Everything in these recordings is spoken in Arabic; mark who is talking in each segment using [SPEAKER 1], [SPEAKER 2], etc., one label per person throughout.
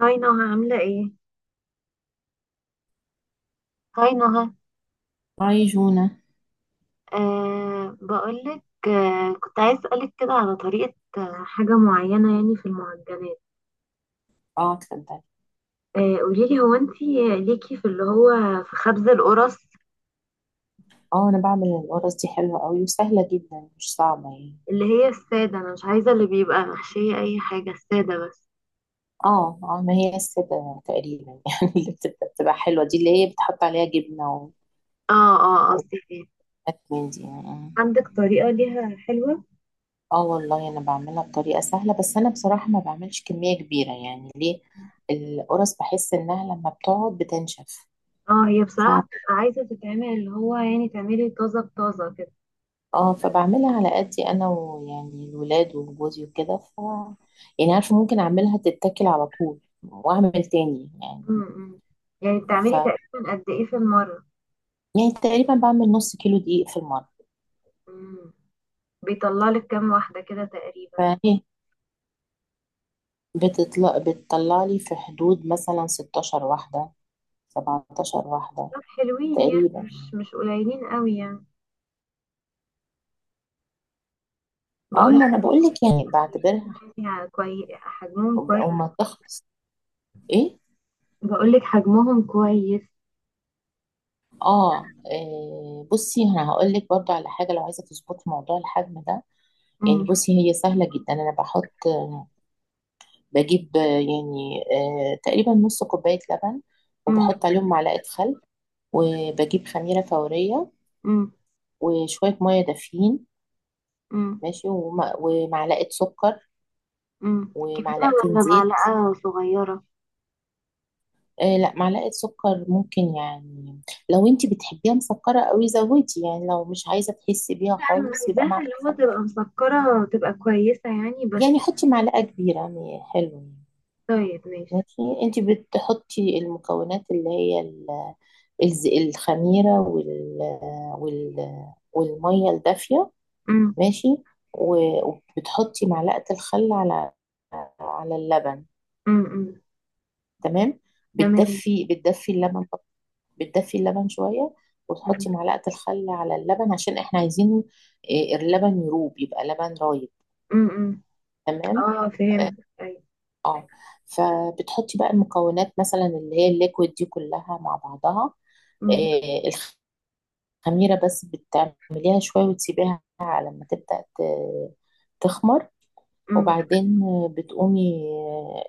[SPEAKER 1] هاي نهى، عاملة ايه؟ هاي نهى.
[SPEAKER 2] هاي جونا.
[SPEAKER 1] أه، بقولك، أه، كنت عايز أسألك كده على طريقة، حاجة معينة يعني في المعجنات.
[SPEAKER 2] اه، اتفضلي.
[SPEAKER 1] أه قوليلي، هو انتي ليكي في اللي هو في خبز القرص؟
[SPEAKER 2] اه، انا بعمل القرص دي حلوة قوي وسهلة جدا مش صعبة يعني.
[SPEAKER 1] اللي هي السادة، أنا مش عايزة اللي بيبقى محشية أي حاجة، السادة بس.
[SPEAKER 2] اه، اه، ما هي السادة تقريبا يعني اللي بتبقى حلوة، دي اللي هي بتحط عليها جبنة
[SPEAKER 1] اه، اه، قصدي ايه؟
[SPEAKER 2] وحاجات من دي. اه،
[SPEAKER 1] عندك طريقة ليها حلوة؟
[SPEAKER 2] والله انا بعملها بطريقة سهلة، بس انا بصراحة ما بعملش كمية كبيرة يعني، ليه القرص بحس انها لما بتقعد بتنشف.
[SPEAKER 1] اه، هي بصراحة بتبقى عايزة تتعمل اللي هو يعني تعملي طازة بطازة كده.
[SPEAKER 2] اه، فبعملها على قدي انا، ويعني الولاد وجوزي وكده. يعني عارفه ممكن اعملها تتاكل على طول، واعمل تاني يعني.
[SPEAKER 1] م. يعني
[SPEAKER 2] ف
[SPEAKER 1] بتعملي تقريبا قد ايه في المرة؟
[SPEAKER 2] يعني تقريبا بعمل نص كيلو دقيق في المره.
[SPEAKER 1] مم. بيطلع لك كام واحدة كده تقريبا؟
[SPEAKER 2] فهي بتطلع لي في حدود مثلا 16 واحده، 17 واحده
[SPEAKER 1] طب حلوين يعني،
[SPEAKER 2] تقريبا
[SPEAKER 1] مش
[SPEAKER 2] يعني.
[SPEAKER 1] مش قليلين قوي يعني.
[SPEAKER 2] اه،
[SPEAKER 1] بقول لك
[SPEAKER 2] ما انا بقول لك يعني بعتبرها.
[SPEAKER 1] حجمهم يعني كويس، حجمهم كويس.
[SPEAKER 2] وما تخلص. ايه،
[SPEAKER 1] بقول لك حجمهم كويس.
[SPEAKER 2] اه، إيه، بصي انا هقول لك برضو على حاجه، لو عايزه تظبطي موضوع الحجم ده. يعني
[SPEAKER 1] امم.
[SPEAKER 2] بصي هي سهلة جدا، أنا بحط، بجيب يعني، تقريبا نص كوباية لبن.
[SPEAKER 1] امم.
[SPEAKER 2] وبحط عليهم معلقة خل. وبجيب خميرة فورية.
[SPEAKER 1] امم.
[SPEAKER 2] وشوية مية دافيين.
[SPEAKER 1] امم.
[SPEAKER 2] ماشي، ومعلقة سكر.
[SPEAKER 1] أمم. كبيرة
[SPEAKER 2] ومعلقتين
[SPEAKER 1] ولا
[SPEAKER 2] زيت.
[SPEAKER 1] معلقة صغيرة؟
[SPEAKER 2] لا، معلقة سكر ممكن يعني. لو انتي بتحبيها مسكرة قوي زودي، يعني لو مش عايزة تحسي بيها
[SPEAKER 1] انا
[SPEAKER 2] خالص يبقى
[SPEAKER 1] عايزاها اللي
[SPEAKER 2] معلقة
[SPEAKER 1] هو
[SPEAKER 2] خل.
[SPEAKER 1] تبقى مسكرة، تبقى كويسة يعني بس.
[SPEAKER 2] يعني حطي معلقة كبيرة يعني، حلو يعني،
[SPEAKER 1] طيب ماشي.
[SPEAKER 2] ماشي. انتي بتحطي المكونات اللي هي الخميرة وال والمية الدافية.
[SPEAKER 1] امم.
[SPEAKER 2] ماشي. وبتحطي معلقة الخل على اللبن.
[SPEAKER 1] امم. أمم.
[SPEAKER 2] تمام.
[SPEAKER 1] تمام.
[SPEAKER 2] بتدفي اللبن. بتدفي اللبن شوية،
[SPEAKER 1] امم.
[SPEAKER 2] وتحطي معلقة الخل على اللبن عشان احنا عايزين إيه، اللبن يروب يبقى لبن رايب.
[SPEAKER 1] امم. أمم.
[SPEAKER 2] تمام.
[SPEAKER 1] اه فهمت، ايوه.
[SPEAKER 2] اه، فبتحطي بقى المكونات، مثلا اللي هي الليكويد دي كلها مع بعضها.
[SPEAKER 1] امم.
[SPEAKER 2] إيه، خميرة بس بتعمليها شوية وتسيبيها على ما تبدأ تخمر.
[SPEAKER 1] امم.
[SPEAKER 2] وبعدين بتقومي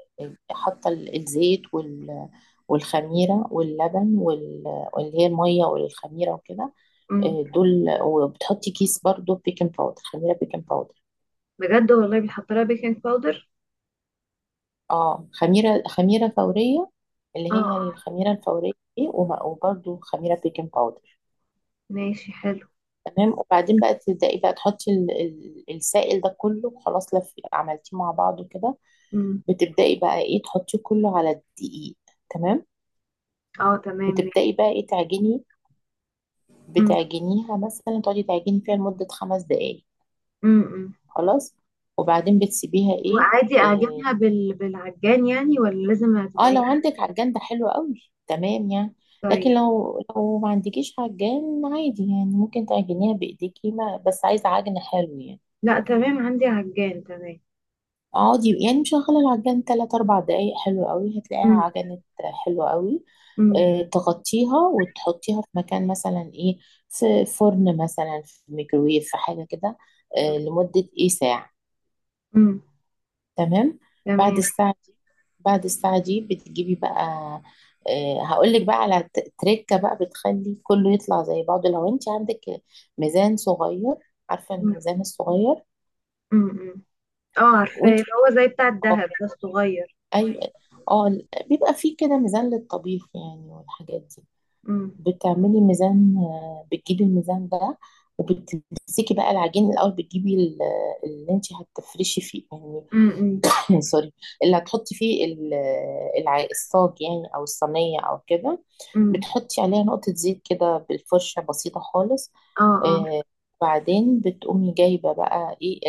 [SPEAKER 2] حاطة الزيت والخميرة واللبن واللي هي المية والخميرة وكده.
[SPEAKER 1] أمم.
[SPEAKER 2] دول. وبتحطي كيس برضو بيكنج باودر، خميرة بيكنج باودر.
[SPEAKER 1] بجد والله بيحط لها بيكنج باودر؟
[SPEAKER 2] اه، خميرة فورية، اللي
[SPEAKER 1] اه
[SPEAKER 2] هي الخميرة الفورية دي. وبرضو خميرة بيكنج باودر.
[SPEAKER 1] ماشي حلو.
[SPEAKER 2] تمام. وبعدين بقى تبدأي بقى تحطي السائل ده كله. خلاص، لف عملتيه مع بعضه كده.
[SPEAKER 1] امم.
[SPEAKER 2] بتبدأي بقى ايه، تحطيه كله على الدقيق. تمام.
[SPEAKER 1] اه تمام ماشي.
[SPEAKER 2] وتبدأي بقى ايه، تعجني.
[SPEAKER 1] امم.
[SPEAKER 2] بتعجنيها مثلا، تقعدي تعجني فيها لمدة 5 دقايق.
[SPEAKER 1] امم. امم.
[SPEAKER 2] خلاص. وبعدين بتسيبيها ايه.
[SPEAKER 1] وعادي
[SPEAKER 2] اه,
[SPEAKER 1] اعجنها بالعجان يعني، ولا لازم
[SPEAKER 2] لو
[SPEAKER 1] هتتعجن؟
[SPEAKER 2] عندك عجان ده حلو قوي تمام يعني.
[SPEAKER 1] طيب.
[SPEAKER 2] لكن لو ما عندكيش عجان عادي يعني، ممكن تعجنيها بإيديكي، ما بس عايزة عجن حلو يعني.
[SPEAKER 1] لا تمام، عندي عجان، تمام.
[SPEAKER 2] اقعدي يعني مشغلة العجان 3 4 دقايق، حلو قوي هتلاقيها
[SPEAKER 1] امم.
[SPEAKER 2] عجنت، حلو قوي.
[SPEAKER 1] امم.
[SPEAKER 2] تغطيها وتحطيها في مكان مثلا ايه، في فرن مثلا، في ميكرويف، في حاجة كده. لمدة ايه، ساعة.
[SPEAKER 1] امم.
[SPEAKER 2] تمام. بعد
[SPEAKER 1] تمام.
[SPEAKER 2] الساعة دي بعد الساعة دي بتجيبي بقى. هقولك بقى على تريكة بقى بتخلي كله يطلع زي بعضه. لو انت عندك ميزان صغير، عارفة
[SPEAKER 1] امم.
[SPEAKER 2] الميزان الصغير.
[SPEAKER 1] امم. امم. اه عارفاه،
[SPEAKER 2] وانت،
[SPEAKER 1] اللي هو زي بتاع الدهب ده الصغير.
[SPEAKER 2] أيوة. اه، بيبقى فيه كده ميزان للطبيخ يعني، والحاجات
[SPEAKER 1] امم.
[SPEAKER 2] دي بتعملي ميزان. بتجيبي الميزان ده وبتمسكي بقى العجين الأول. بتجيبي اللي انت هتفرشي فيه
[SPEAKER 1] امم. امم.
[SPEAKER 2] يعني، سوري، اللي هتحطي فيه الصاج يعني، أو الصينية أو كده.
[SPEAKER 1] امم.
[SPEAKER 2] بتحطي عليها نقطة زيت كده بالفرشة بسيطة خالص.
[SPEAKER 1] اه، اه،
[SPEAKER 2] آه، بعدين بتقومي جايبة بقى ايه،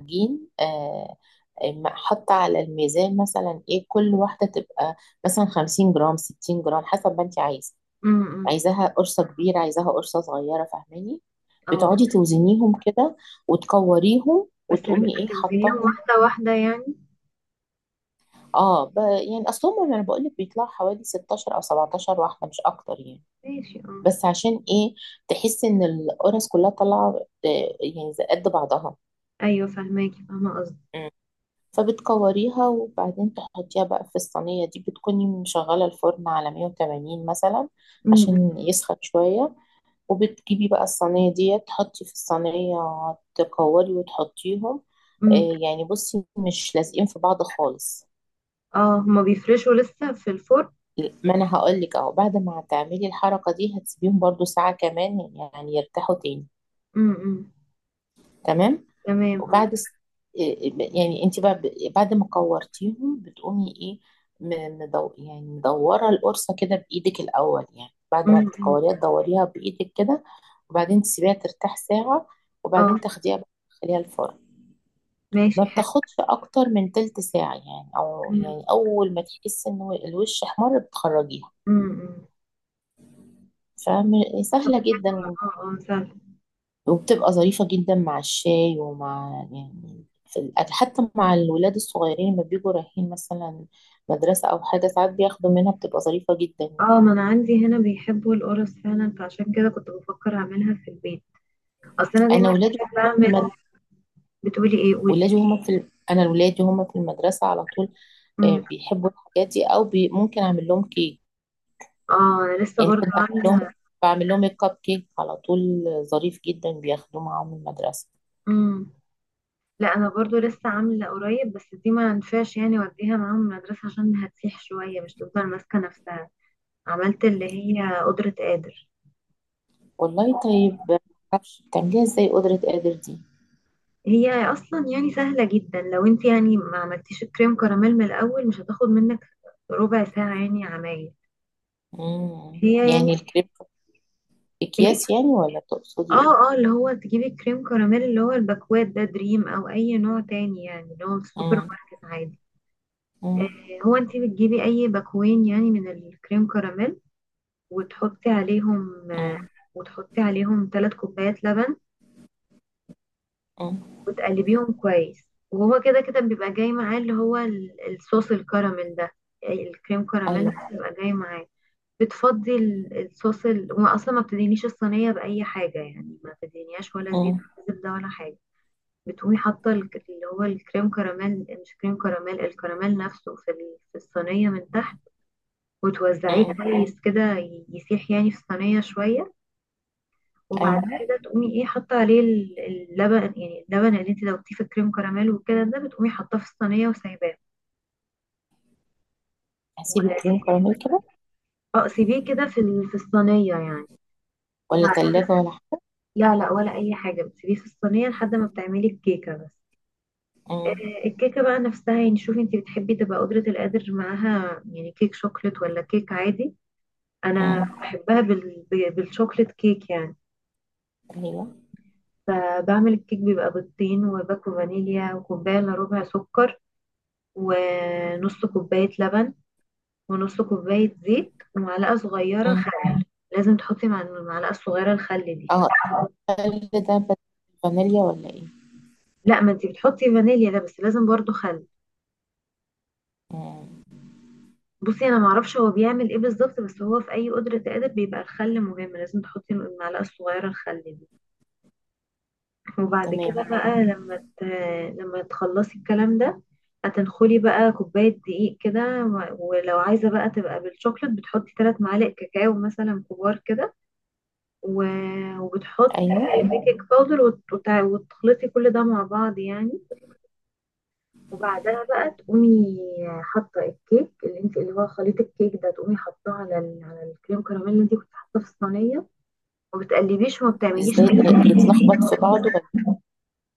[SPEAKER 2] جين، حاطة على الميزان مثلا ايه، كل واحدة تبقى مثلا 50 جرام، 60 جرام، حسب ما انت عايزة.
[SPEAKER 1] امم،
[SPEAKER 2] عايزاها قرصة كبيرة، عايزاها قرصة صغيرة، فاهماني؟
[SPEAKER 1] اه، آه.
[SPEAKER 2] بتقعدي توزنيهم كده وتكوريهم،
[SPEAKER 1] بس
[SPEAKER 2] وتقومي ايه،
[SPEAKER 1] هتوزنيهم
[SPEAKER 2] حطاهم.
[SPEAKER 1] واحدة واحدة يعني؟
[SPEAKER 2] اه، يعني اصلهم انا بقول لك بيطلعوا حوالي 16 او 17 واحدة، مش اكتر يعني.
[SPEAKER 1] ماشي اه.
[SPEAKER 2] بس عشان ايه، تحسي ان القرص كلها طالعة، يعني زي قد بعضها.
[SPEAKER 1] ايوه فهماكي، فاهمة قصدي.
[SPEAKER 2] فبتكوريها وبعدين تحطيها بقى في الصينية دي، بتكوني مشغلة الفرن على 180 مثلا
[SPEAKER 1] امم. امم.
[SPEAKER 2] عشان يسخن شوية. وبتجيبي بقى الصينية دي، تحطي في الصينية، تكوري وتحطيهم.
[SPEAKER 1] امم.
[SPEAKER 2] يعني بصي مش لازقين في بعض خالص.
[SPEAKER 1] اه هما بيفرشوا لسه في الفرن؟
[SPEAKER 2] ما انا هقولك اهو، بعد ما هتعملي الحركة دي هتسيبيهم برضو ساعة كمان يعني، يرتاحوا تاني.
[SPEAKER 1] امم. امم.
[SPEAKER 2] تمام.
[SPEAKER 1] تمام اه.
[SPEAKER 2] وبعد س- إيه، إيه، يعني انت بقى بعد ما كورتيهم بتقومي ايه، م- مدو يعني مدوره القرصه كده بايدك الاول، يعني بعد ما
[SPEAKER 1] امم. امم.
[SPEAKER 2] بتكوريها تدوريها بايدك كده. وبعدين تسيبيها ترتاح ساعه،
[SPEAKER 1] اه
[SPEAKER 2] وبعدين تاخديها بقى تدخليها الفرن. ما
[SPEAKER 1] ماشي حلو.
[SPEAKER 2] بتاخدش اكتر من تلت ساعه يعني، او
[SPEAKER 1] امم.
[SPEAKER 2] يعني اول ما تحس ان الوش احمر بتخرجيها.
[SPEAKER 1] امم. امم. طب.
[SPEAKER 2] فسهله جدا.
[SPEAKER 1] اه اه سهل.
[SPEAKER 2] وبتبقى ظريفة جدا مع الشاي، ومع يعني في الأكل، حتى مع الولاد الصغيرين لما بيجوا رايحين مثلا مدرسة أو حاجة، ساعات بياخدوا منها، بتبقى ظريفة جدا يعني.
[SPEAKER 1] اه، ما انا عندي هنا بيحبوا القرص فعلا، فعشان كده كنت بفكر اعملها في البيت. اصل انا
[SPEAKER 2] أنا
[SPEAKER 1] دايما
[SPEAKER 2] ولادي
[SPEAKER 1] بحب
[SPEAKER 2] هما في
[SPEAKER 1] اعمل.
[SPEAKER 2] المد...
[SPEAKER 1] بتقولي ايه؟ قولي.
[SPEAKER 2] ولادي هما في ال... أنا ولادي هما في المدرسة على طول.
[SPEAKER 1] امم.
[SPEAKER 2] بيحبوا الحاجات دي، ممكن أعمل لهم كيك
[SPEAKER 1] اه انا لسه
[SPEAKER 2] يعني.
[SPEAKER 1] برضو
[SPEAKER 2] كنت أعمل لهم،
[SPEAKER 1] عامله.
[SPEAKER 2] بعمل لهم الكب كيك على طول، ظريف جدا بياخدوه معاهم المدرسة.
[SPEAKER 1] امم. لا انا برضو لسه عامله قريب، بس دي ما ينفعش يعني اوديها معاهم المدرسه عشان هتسيح شويه، مش تفضل ماسكه نفسها. عملت اللي هي قدرة قادر.
[SPEAKER 2] والله طيب، معرفش بتعمليها ازاي قدرة قادر دي.
[SPEAKER 1] هي اصلا يعني سهله جدا، لو انت يعني ما عملتيش الكريم كراميل من الاول، مش هتاخد منك ربع ساعه يعني عمايل.
[SPEAKER 2] مم.
[SPEAKER 1] هي يعني
[SPEAKER 2] يعني الكريب،
[SPEAKER 1] ايه؟
[SPEAKER 2] أكياس يعني، ولا تقصدي إيه؟
[SPEAKER 1] اه، اه، اللي هو تجيبي الكريم كراميل اللي هو الباكوات ده، دريم او اي نوع تاني يعني اللي هو في السوبر
[SPEAKER 2] مم.
[SPEAKER 1] ماركت عادي.
[SPEAKER 2] مم.
[SPEAKER 1] آه. هو انت بتجيبي اي باكوين يعني من الكريم كراميل. وتحطي عليهم،
[SPEAKER 2] مم.
[SPEAKER 1] وتحطي عليهم 3 كوبايات لبن.
[SPEAKER 2] مم.
[SPEAKER 1] وتقلبيهم كويس. وهو كده كده بيبقى جاي معاه اللي هو الصوص الكراميل ده. أي الكريم كراميل ده
[SPEAKER 2] أيوه.
[SPEAKER 1] بيبقى جاي معاه. بتفضي الصوص، وما اصلا ما بتدينيش الصينيه باي حاجه يعني، ما بتدينيهاش ولا زيت
[SPEAKER 2] مم.
[SPEAKER 1] ولا زبده ولا حاجه. بتقومي حاطه اللي هو الكريم كراميل، مش كريم كراميل، الكراميل نفسه في في الصينيه من تحت. وتوزعيه
[SPEAKER 2] مم.
[SPEAKER 1] كويس كده، يسيح يعني في الصينيه شويه. وبعد
[SPEAKER 2] أيوه،
[SPEAKER 1] كده تقومي ايه حاطه عليه اللبن يعني، اللبن اللي انت دوبتيه في الكريم كراميل وكده ده، بتقومي حاطاه في الصينيه وسايباه. و-
[SPEAKER 2] هسيب الكريم كراميل كده.
[SPEAKER 1] اه سيبيه كده في في الصينيه يعني.
[SPEAKER 2] ولا
[SPEAKER 1] وبعد.
[SPEAKER 2] تلاجة ولا حاجة؟
[SPEAKER 1] لا لا، ولا اي حاجه، بتسيبيه في الصينيه لحد ما بتعملي الكيكه بس.
[SPEAKER 2] مم.
[SPEAKER 1] الكيكه بقى نفسها يعني شوفي انت بتحبي تبقى قدره القادر معاها يعني كيك شوكليت ولا كيك عادي؟ انا
[SPEAKER 2] مم.
[SPEAKER 1] بحبها بالشوكليت كيك يعني.
[SPEAKER 2] أيوه.
[SPEAKER 1] بعمل الكيك بيبقى بيضتين وباكو فانيليا وكوبايه الا ربع سكر. ونص كوباية لبن ونص كوباية زيت ومعلقة صغيرة
[SPEAKER 2] مم.
[SPEAKER 1] خل. لازم تحطي مع المعلقة الصغيرة الخل دي.
[SPEAKER 2] أه، التلج ده فانيليا ولا إيه؟
[SPEAKER 1] لا، ما انتي بتحطي فانيليا ده، بس لازم برضو خل.
[SPEAKER 2] مم.
[SPEAKER 1] بصي انا معرفش هو بيعمل ايه بالظبط، بس هو في اي قدرة قادر بيبقى الخل مهم، لازم تحطي المعلقة الصغيرة الخل دي. وبعد
[SPEAKER 2] تمام.
[SPEAKER 1] كده بقى، لما تخلصي الكلام ده، هتنخلي بقى كوباية دقيق كده، و- ولو عايزة بقى تبقى بالشوكلت بتحطي 3 معالق كاكاو مثلا كبار كده. و- وبتحطي
[SPEAKER 2] أيوه.
[SPEAKER 1] البيكنج باودر وت- وت- وتخلطي كل ده مع بعض يعني. وبعدها بقى تقومي حاطه الكيك اللي انت اللي هو خليط الكيك ده، تقومي حاطاه على على الكريم كراميل اللي انت كنت حاطاه في الصينيه. وما بتقلبيش وما
[SPEAKER 2] طب
[SPEAKER 1] بتعمليش
[SPEAKER 2] إزاي
[SPEAKER 1] اي.
[SPEAKER 2] ده يتلخبط في بعضه ولا إيه؟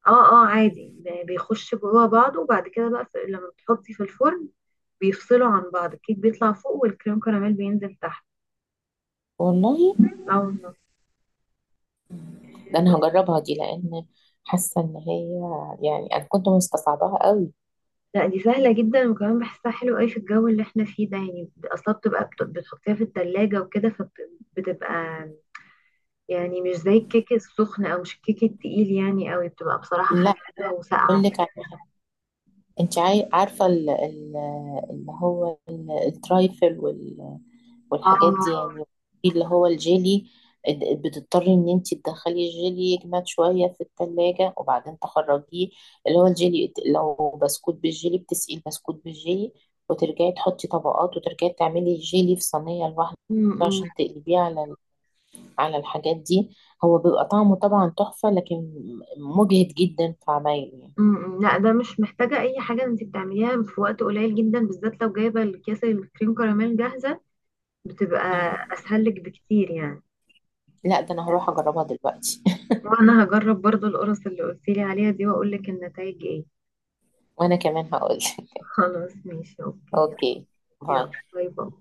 [SPEAKER 1] اه، اه، عادي، بيخش جوه بعضه. وبعد كده بقى لما بتحطي في الفرن، بيفصلوا عن بعض، الكيك بيطلع فوق والكريم كراميل بينزل تحت.
[SPEAKER 2] والله،
[SPEAKER 1] اه والله.
[SPEAKER 2] ده أنا هجربها دي، لأن حاسة إن هي يعني، أنا كنت مستصعباها قوي.
[SPEAKER 1] لا دي سهلة جدا، وكمان بحسها حلو قوي في الجو اللي احنا فيه ده، يعني اصلا بتبقى بتحطيها في التلاجة وكده فبتبقى يعني مش زي الكيك السخن، او مش الكيك التقيل يعني قوي، بتبقى بصراحة
[SPEAKER 2] لا،
[SPEAKER 1] خفيفة
[SPEAKER 2] أقول
[SPEAKER 1] وساقعة
[SPEAKER 2] لك،
[SPEAKER 1] كده.
[SPEAKER 2] انت عارفة الترايفل والحاجات
[SPEAKER 1] اه،
[SPEAKER 2] دي يعني. في اللي هو الجيلي، بتضطري ان انت تدخلي الجيلي يجمد شوية في التلاجة، وبعدين تخرجيه. اللي هو الجيلي، لو بسكوت بالجيلي بتسقي البسكوت بالجيلي، وترجعي تحطي طبقات، وترجعي تعملي الجيلي في صينية لوحده
[SPEAKER 1] م- م-
[SPEAKER 2] عشان تقلبيه على على الحاجات دي. هو بيبقى طعمه طبعا تحفة، لكن مجهد جدا في عمايله يعني.
[SPEAKER 1] م- م. لا ده مش محتاجة اي حاجة، انت بتعمليها في وقت قليل جدا بالذات لو جايبة الكيس الكريم كراميل جاهزة، بتبقى
[SPEAKER 2] مم.
[SPEAKER 1] اسهل لك بكتير يعني.
[SPEAKER 2] لا، ده انا هروح اجربها دلوقتي.
[SPEAKER 1] وانا هجرب برضو القرص اللي قلتيلي عليها دي واقول لك النتائج ايه
[SPEAKER 2] وانا كمان هقول.
[SPEAKER 1] خلاص ماشي اوكي.
[SPEAKER 2] اوكي.
[SPEAKER 1] يلا.
[SPEAKER 2] باي.
[SPEAKER 1] باي باي.